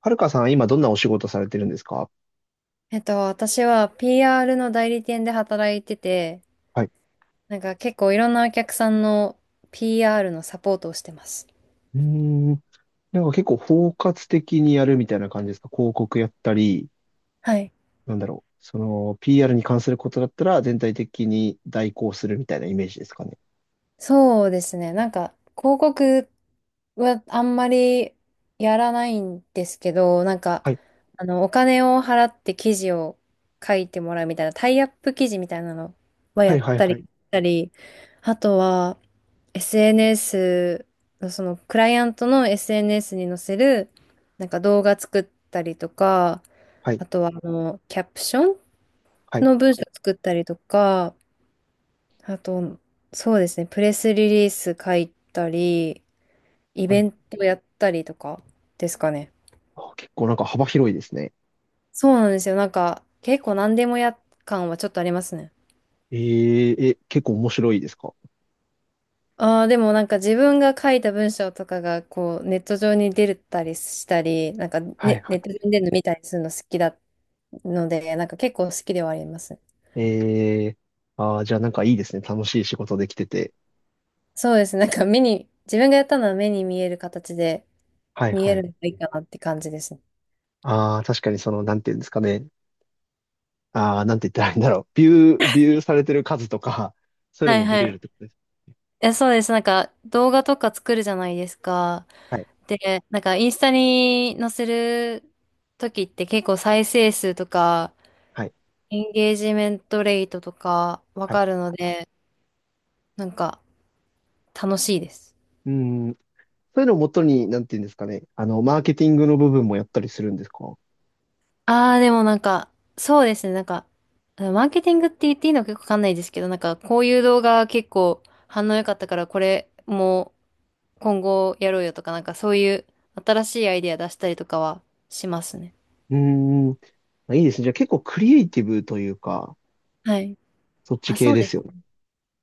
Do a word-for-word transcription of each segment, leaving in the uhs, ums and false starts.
はるかさん、今どんなお仕事されてるんですか？えっと、私は ピーアール の代理店で働いてて、はい。なんか結構いろんなお客さんの ピーアール のサポートをしてます。うーん。なんか結構包括的にやるみたいな感じですか？広告やったり、はい。なんだろう。その、ピーアール に関することだったら全体的に代行するみたいなイメージですかね。そうですね。なんか、広告はあんまりやらないんですけど、なんか、はい。あの、お金を払って記事を書いてもらうみたいな、タイアップ記事みたいなのははやいっはいたり、はい。したり、あとは、エスエヌエス の、その、クライアントの エスエヌエス に載せる、なんか動画作ったりとか、はい。あとは、あの、キャプションはい。の文章作ったりとか、あと、そうですね、プレスリリース書いたり、イはベい。ントやったりとかですかね。あ、結構なんか幅広いですね。そうなんですよ。なんか、結構何でもや感はちょっとありますね。えー、え、結構面白いですか？ああ、でもなんか自分が書いた文章とかが、こう、ネット上に出たりしたり、なんかネ、はいネはット上に出るの見たりするの好きだので、なんか結構好きではありますね。い。えー、あー、じゃあなんかいいですね。楽しい仕事できてて。そうですね。なんか目に、自分がやったのは目に見える形ではい見えはるい。のがいいかなって感じですね。ああ、確かにその、なんていうんですかね。ああ、なんて言ったらいいんだろう。ビュー、ビューされてる数とか、そういうはのいも見はれるっい。てことですね。え、そうです。なんか、動画とか作るじゃないですか。はい、で、なんか、インスタに載せる時って結構再生数とか、はい、エンゲージメントレートとかわはい。かるので、なんか、楽しいです。うん。そういうのをもとに、なんて言うんですかね。あの、マーケティングの部分もやったりするんですか？ああ、でもなんか、そうですね。なんか、マーケティングって言っていいのか結構わかんないですけど、なんか、こういう動画結構反応良かったから、これも今後やろうよとか、なんかそういう新しいアイデア出したりとかはしますね。うーん。まあ、いいですね。じゃあ結構クリエイティブというか、はい。そっちあ、系そうでですすよね。ね。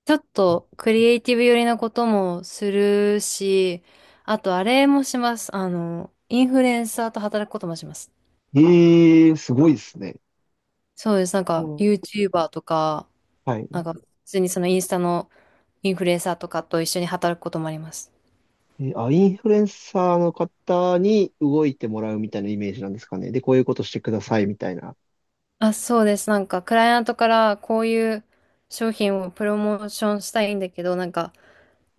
ちょっとクリエイティブ寄りなこともするし、あとあれもします。あの、インフルエンサーと働くこともします。ええー、すごいですね。そうです。なんうか ん。 ユーチューバー とか、はなんい。か普通にそのインスタのインフルエンサーとかと一緒に働くこともあります。え、あ、インフルエンサーの方に動いてもらうみたいなイメージなんですかね。で、こういうことしてくださいみたいな。あ、そうです。なんか、クライアントからこういう商品をプロモーションしたいんだけど、なんか、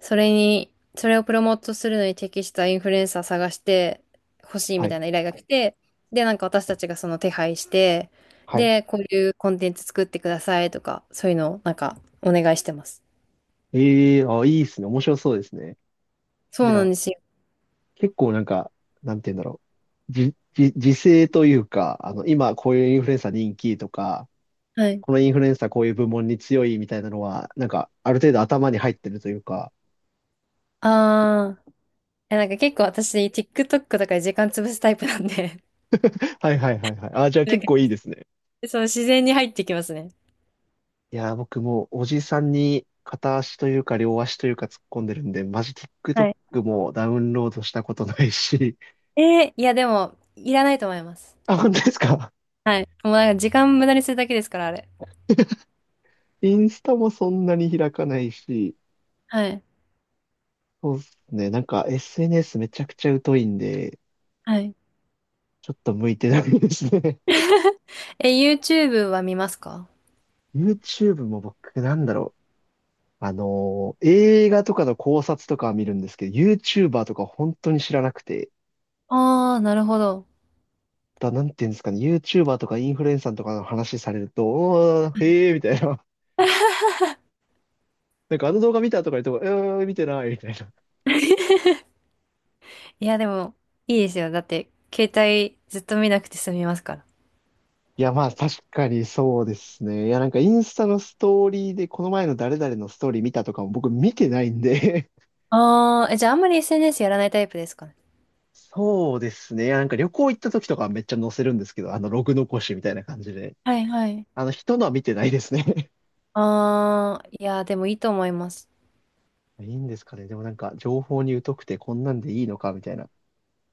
それに、それをプロモートするのに適したインフルエンサー探してほしいはみたい。いな依頼が来て、で、なんか私たちがその手配して、はい。で、こういうコンテンツ作ってくださいとか、そういうのをなんかお願いしてます。ええー、あ、いいですね。面白そうですね。そうじゃなんあ、ですよ。結構なんか、なんて言うんだろう。じ、じ、時勢というか、あの、今こういうインフルエンサー人気とか、はい。このインフルエンサーこういう部門に強いみたいなのは、なんか、ある程度頭に入ってるというか。あー、え、なんか結構私 ティックトック とかで時間潰すタイプなんで、はいはいはいはい。あ、じゃ あなん結か、構いいですね。そう自然に入ってきますね。いやー、僕もうおじさんに片足というか両足というか突っ込んでるんで、マジ はい ティックトック もダウンロードしたことないし。えーいやでも、いらないと思います。あ、本当ですか？ はい。もうなんか時間無駄にするだけですから、あれ。インスタもそんなに開かないし、はい。そうですね。なんか エスエヌエス めちゃくちゃ疎いんで、はい。ちょっと向いてないですね。え、YouTube は見ますか？ YouTube も僕、なんだろう。あのー映画とかの考察とかは見るんですけど、YouTuber とか本当に知らなくて、ああー、なるほど。だ、なんていうんですかね、YouTuber とかインフルエンサーとかの話されると、おー、へえみたいな。なんかあの動画見たとか言っても、えー、見てないみたいな。いやでも、いいですよ。だって、携帯ずっと見なくて済みますから。いや、まあ確かにそうですね。いや、なんかインスタのストーリーで、この前の誰々のストーリー見たとかも僕見てないんで ああ、え、じゃああんまり エスエヌエス やらないタイプですかね。そうですね。いや、なんか旅行行った時とかはめっちゃ載せるんですけど、あのログ残しみたいな感じで。はいはい。あの、人のは見てないですね ああ、いやでもいいと思います。いいんですかね。でもなんか、情報に疎くてこんなんでいいのかみたいな。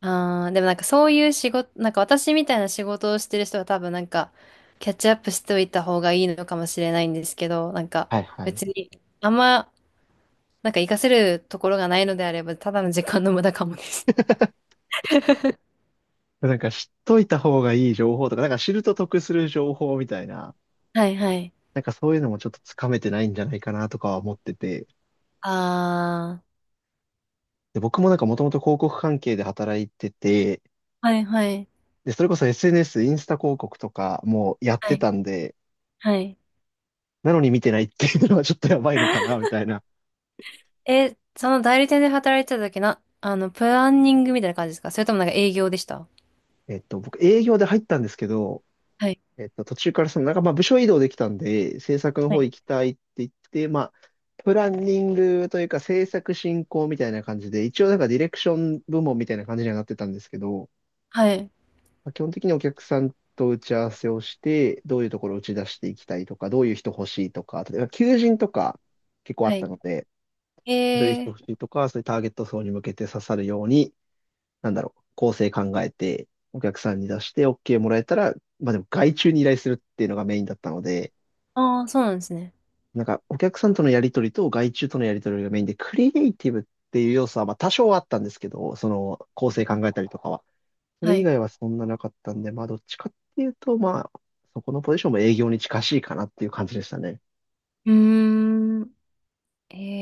ああ、でもなんかそういう仕事、なんか私みたいな仕事をしてる人は多分なんかキャッチアップしておいた方がいいのかもしれないんですけど、なんかはいはい。別にあんまなんか活かせるところがないのであればただの時間の無駄かもね。なんか知っといた方がいい情報とか、なんか知ると得する情報みたいな、はいはい。なんかそういうのもちょっとつかめてないんじゃないかなとかは思ってて、あで、僕もなんかもともと広告関係で働いてて、あ、はいはい。で、それこそ エスエヌエス、インスタ広告とかもやっはていたんで、はい。なのに見てないっていうのはちょっとやばいのかな、みたいな。え、その代理店で働いてた時な、あの、プランニングみたいな感じですか？それともなんか営業でした？えっと、僕営業で入ったんですけど、はいえっと、途中からその、なんかまあ部署移動できたんで、制作のは方い行きたいって言って、まあ、プランニングというか制作進行みたいな感じで、一応なんかディレクション部門みたいな感じにはなってたんですけど、はい。まあ、基本的にお客さんと打ち合わせをして、どういうところを打ち出していきたいとか、どういう人欲しいとか、例えば求人とか結構あはったい。ので、どういう人え欲ー、しいとか、そういうターゲット層に向けて刺さるように、なんだろう、構成考えて、お客さんに出して OK もらえたら、まあでも外注に依頼するっていうのがメインだったので、ああ、そうなんですね。なんか、お客さんとのやりとりと外注とのやりとりがメインで、クリエイティブっていう要素は、まあ、多少はあったんですけど、その、構成考えたりとかは。そはれ以い。外はそんななかったんで、まあ、どっちかっていうと、まあ、そこのポジションも営業に近しいかなっていう感じでしたね。うーん。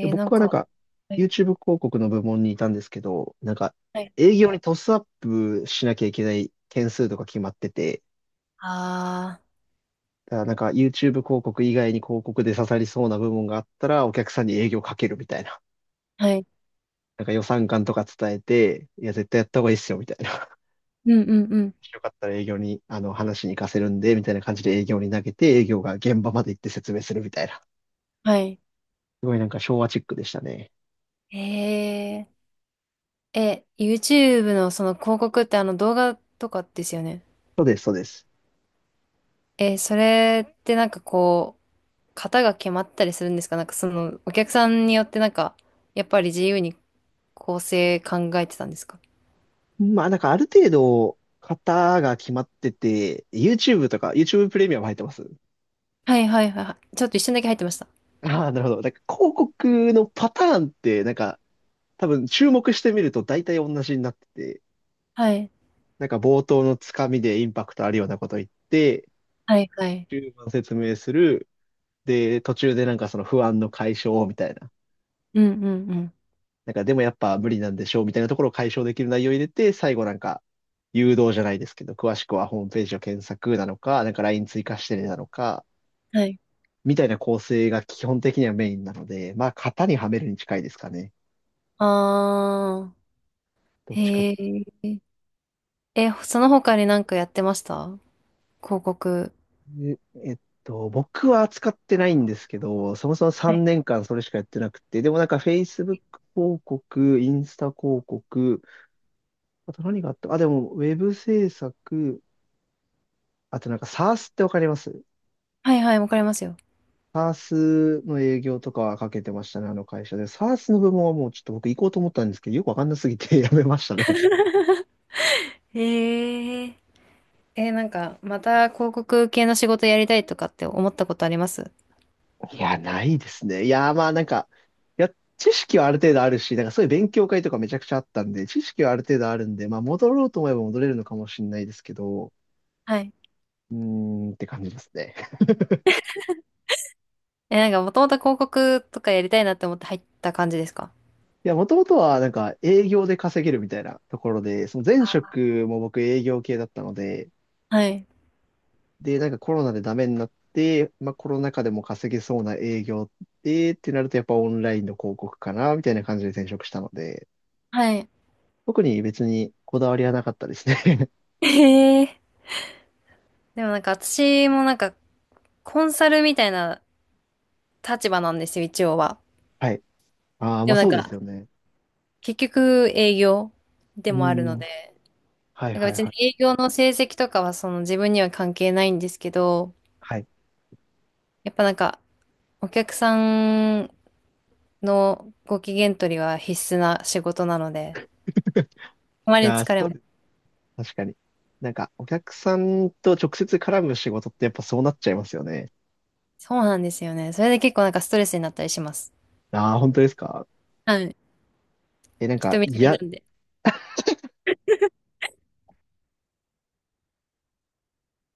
で、ー、なん僕はなんか、か、は YouTube い。広告の部門にいたんですけど、なんか、はい。営業にトスアップしなきゃいけない件数とか決まってて、あだからなんか YouTube 広告以外に広告で刺さりそうな部門があったら、お客さんに営業かけるみたいな。あ、はい。なんか予算感とか伝えて、いや、絶対やった方がいいっすよ、みたいな。うんうんうん。よかったら営業に、あの、話しに行かせるんで、みたいな感じで営業に投げて、営業が現場まで行って説明するみたいな。はい。すごいなんか昭和チックでしたね。えー、え、YouTube のその広告ってあの動画とかですよね。そうです、そうです。えー、それってなんかこう、型が決まったりするんですか？なんかその、お客さんによってなんか、やっぱり自由に構成考えてたんですか？まあ、なんかある程度、型が決まってて、YouTube とか、YouTube プレミアム入ってます？はいはいはいはい。ちょっと一瞬だけ入ってました。ああ、なるほど。なんか広告のパターンって、なんか多分注目してみると大体同じになってて、はい。なんか冒頭のつかみでインパクトあるようなこと言って、はいはい。中盤説明する、で、途中でなんかその不安の解消みたいな。うんうんうん。なんかでもやっぱ無理なんでしょうみたいなところを解消できる内容を入れて、最後なんか誘導じゃないですけど、詳しくはホームページを検索なのか、なんか ライン 追加してねなのか、はい。みたいな構成が基本的にはメインなので、まあ型にはめるに近いですかね。あどー。っちかっへえ。え、その他になんかやってました広告。ていう。えっと、僕は使ってないんですけど、そもそもはいさんねんかんそれしかやってなくて、でもなんか フェイスブック 広告、インスタ広告、あと何があった？あ、でも、ウェブ制作、あとなんか SARS ってわかります？ はいはい、わかりますよ。SARS の営業とかはかけてましたね、あの会社で。SARS の部門はもうちょっと僕行こうと思ったんですけど、よくわかんなすぎて やめましたね。へえ。えー、なんか、また広告系の仕事やりたいとかって思ったことあります？いや、ないですね。いや、まあなんか、いや、知識はある程度あるし、なんかそういう勉強会とかめちゃくちゃあったんで、知識はある程度あるんで、まあ戻ろうと思えば戻れるのかもしれないですけど、はい。うーんって感じですね。えー、なんか、もともと広告とかやりたいなって思って入った感じですか？いや、もともとはなんか営業で稼げるみたいなところで、その前職も僕営業系だったので、はい。で、なんかコロナでダメになって、まあコロナ禍でも稼げそうな営業で、ってなるとやっぱオンラインの広告かな、みたいな感じで転職したので、はい。特に別にこだわりはなかったですね。へえ。でもなんか、私もなんか、コンサルみたいな立場なんですよ、一応は。はい。ああ、でまあもなんそうでか、すよね。結局営業でうもあるのん。で、はいなんかはい別にはい。営業の成績とかはその自分には関係ないんですけど、はい。やっぱなんか、お客さんのご機嫌取りは必須な仕事なので、いあまりやー、疲れそも。うです。確かに。なんか、お客さんと直接絡む仕事ってやっぱそうなっちゃいますよね。そうなんですよね。それで結構なんかストレスになったりします。ああ、本当ですか？はい。え、なん人か、見知いりや、なんで。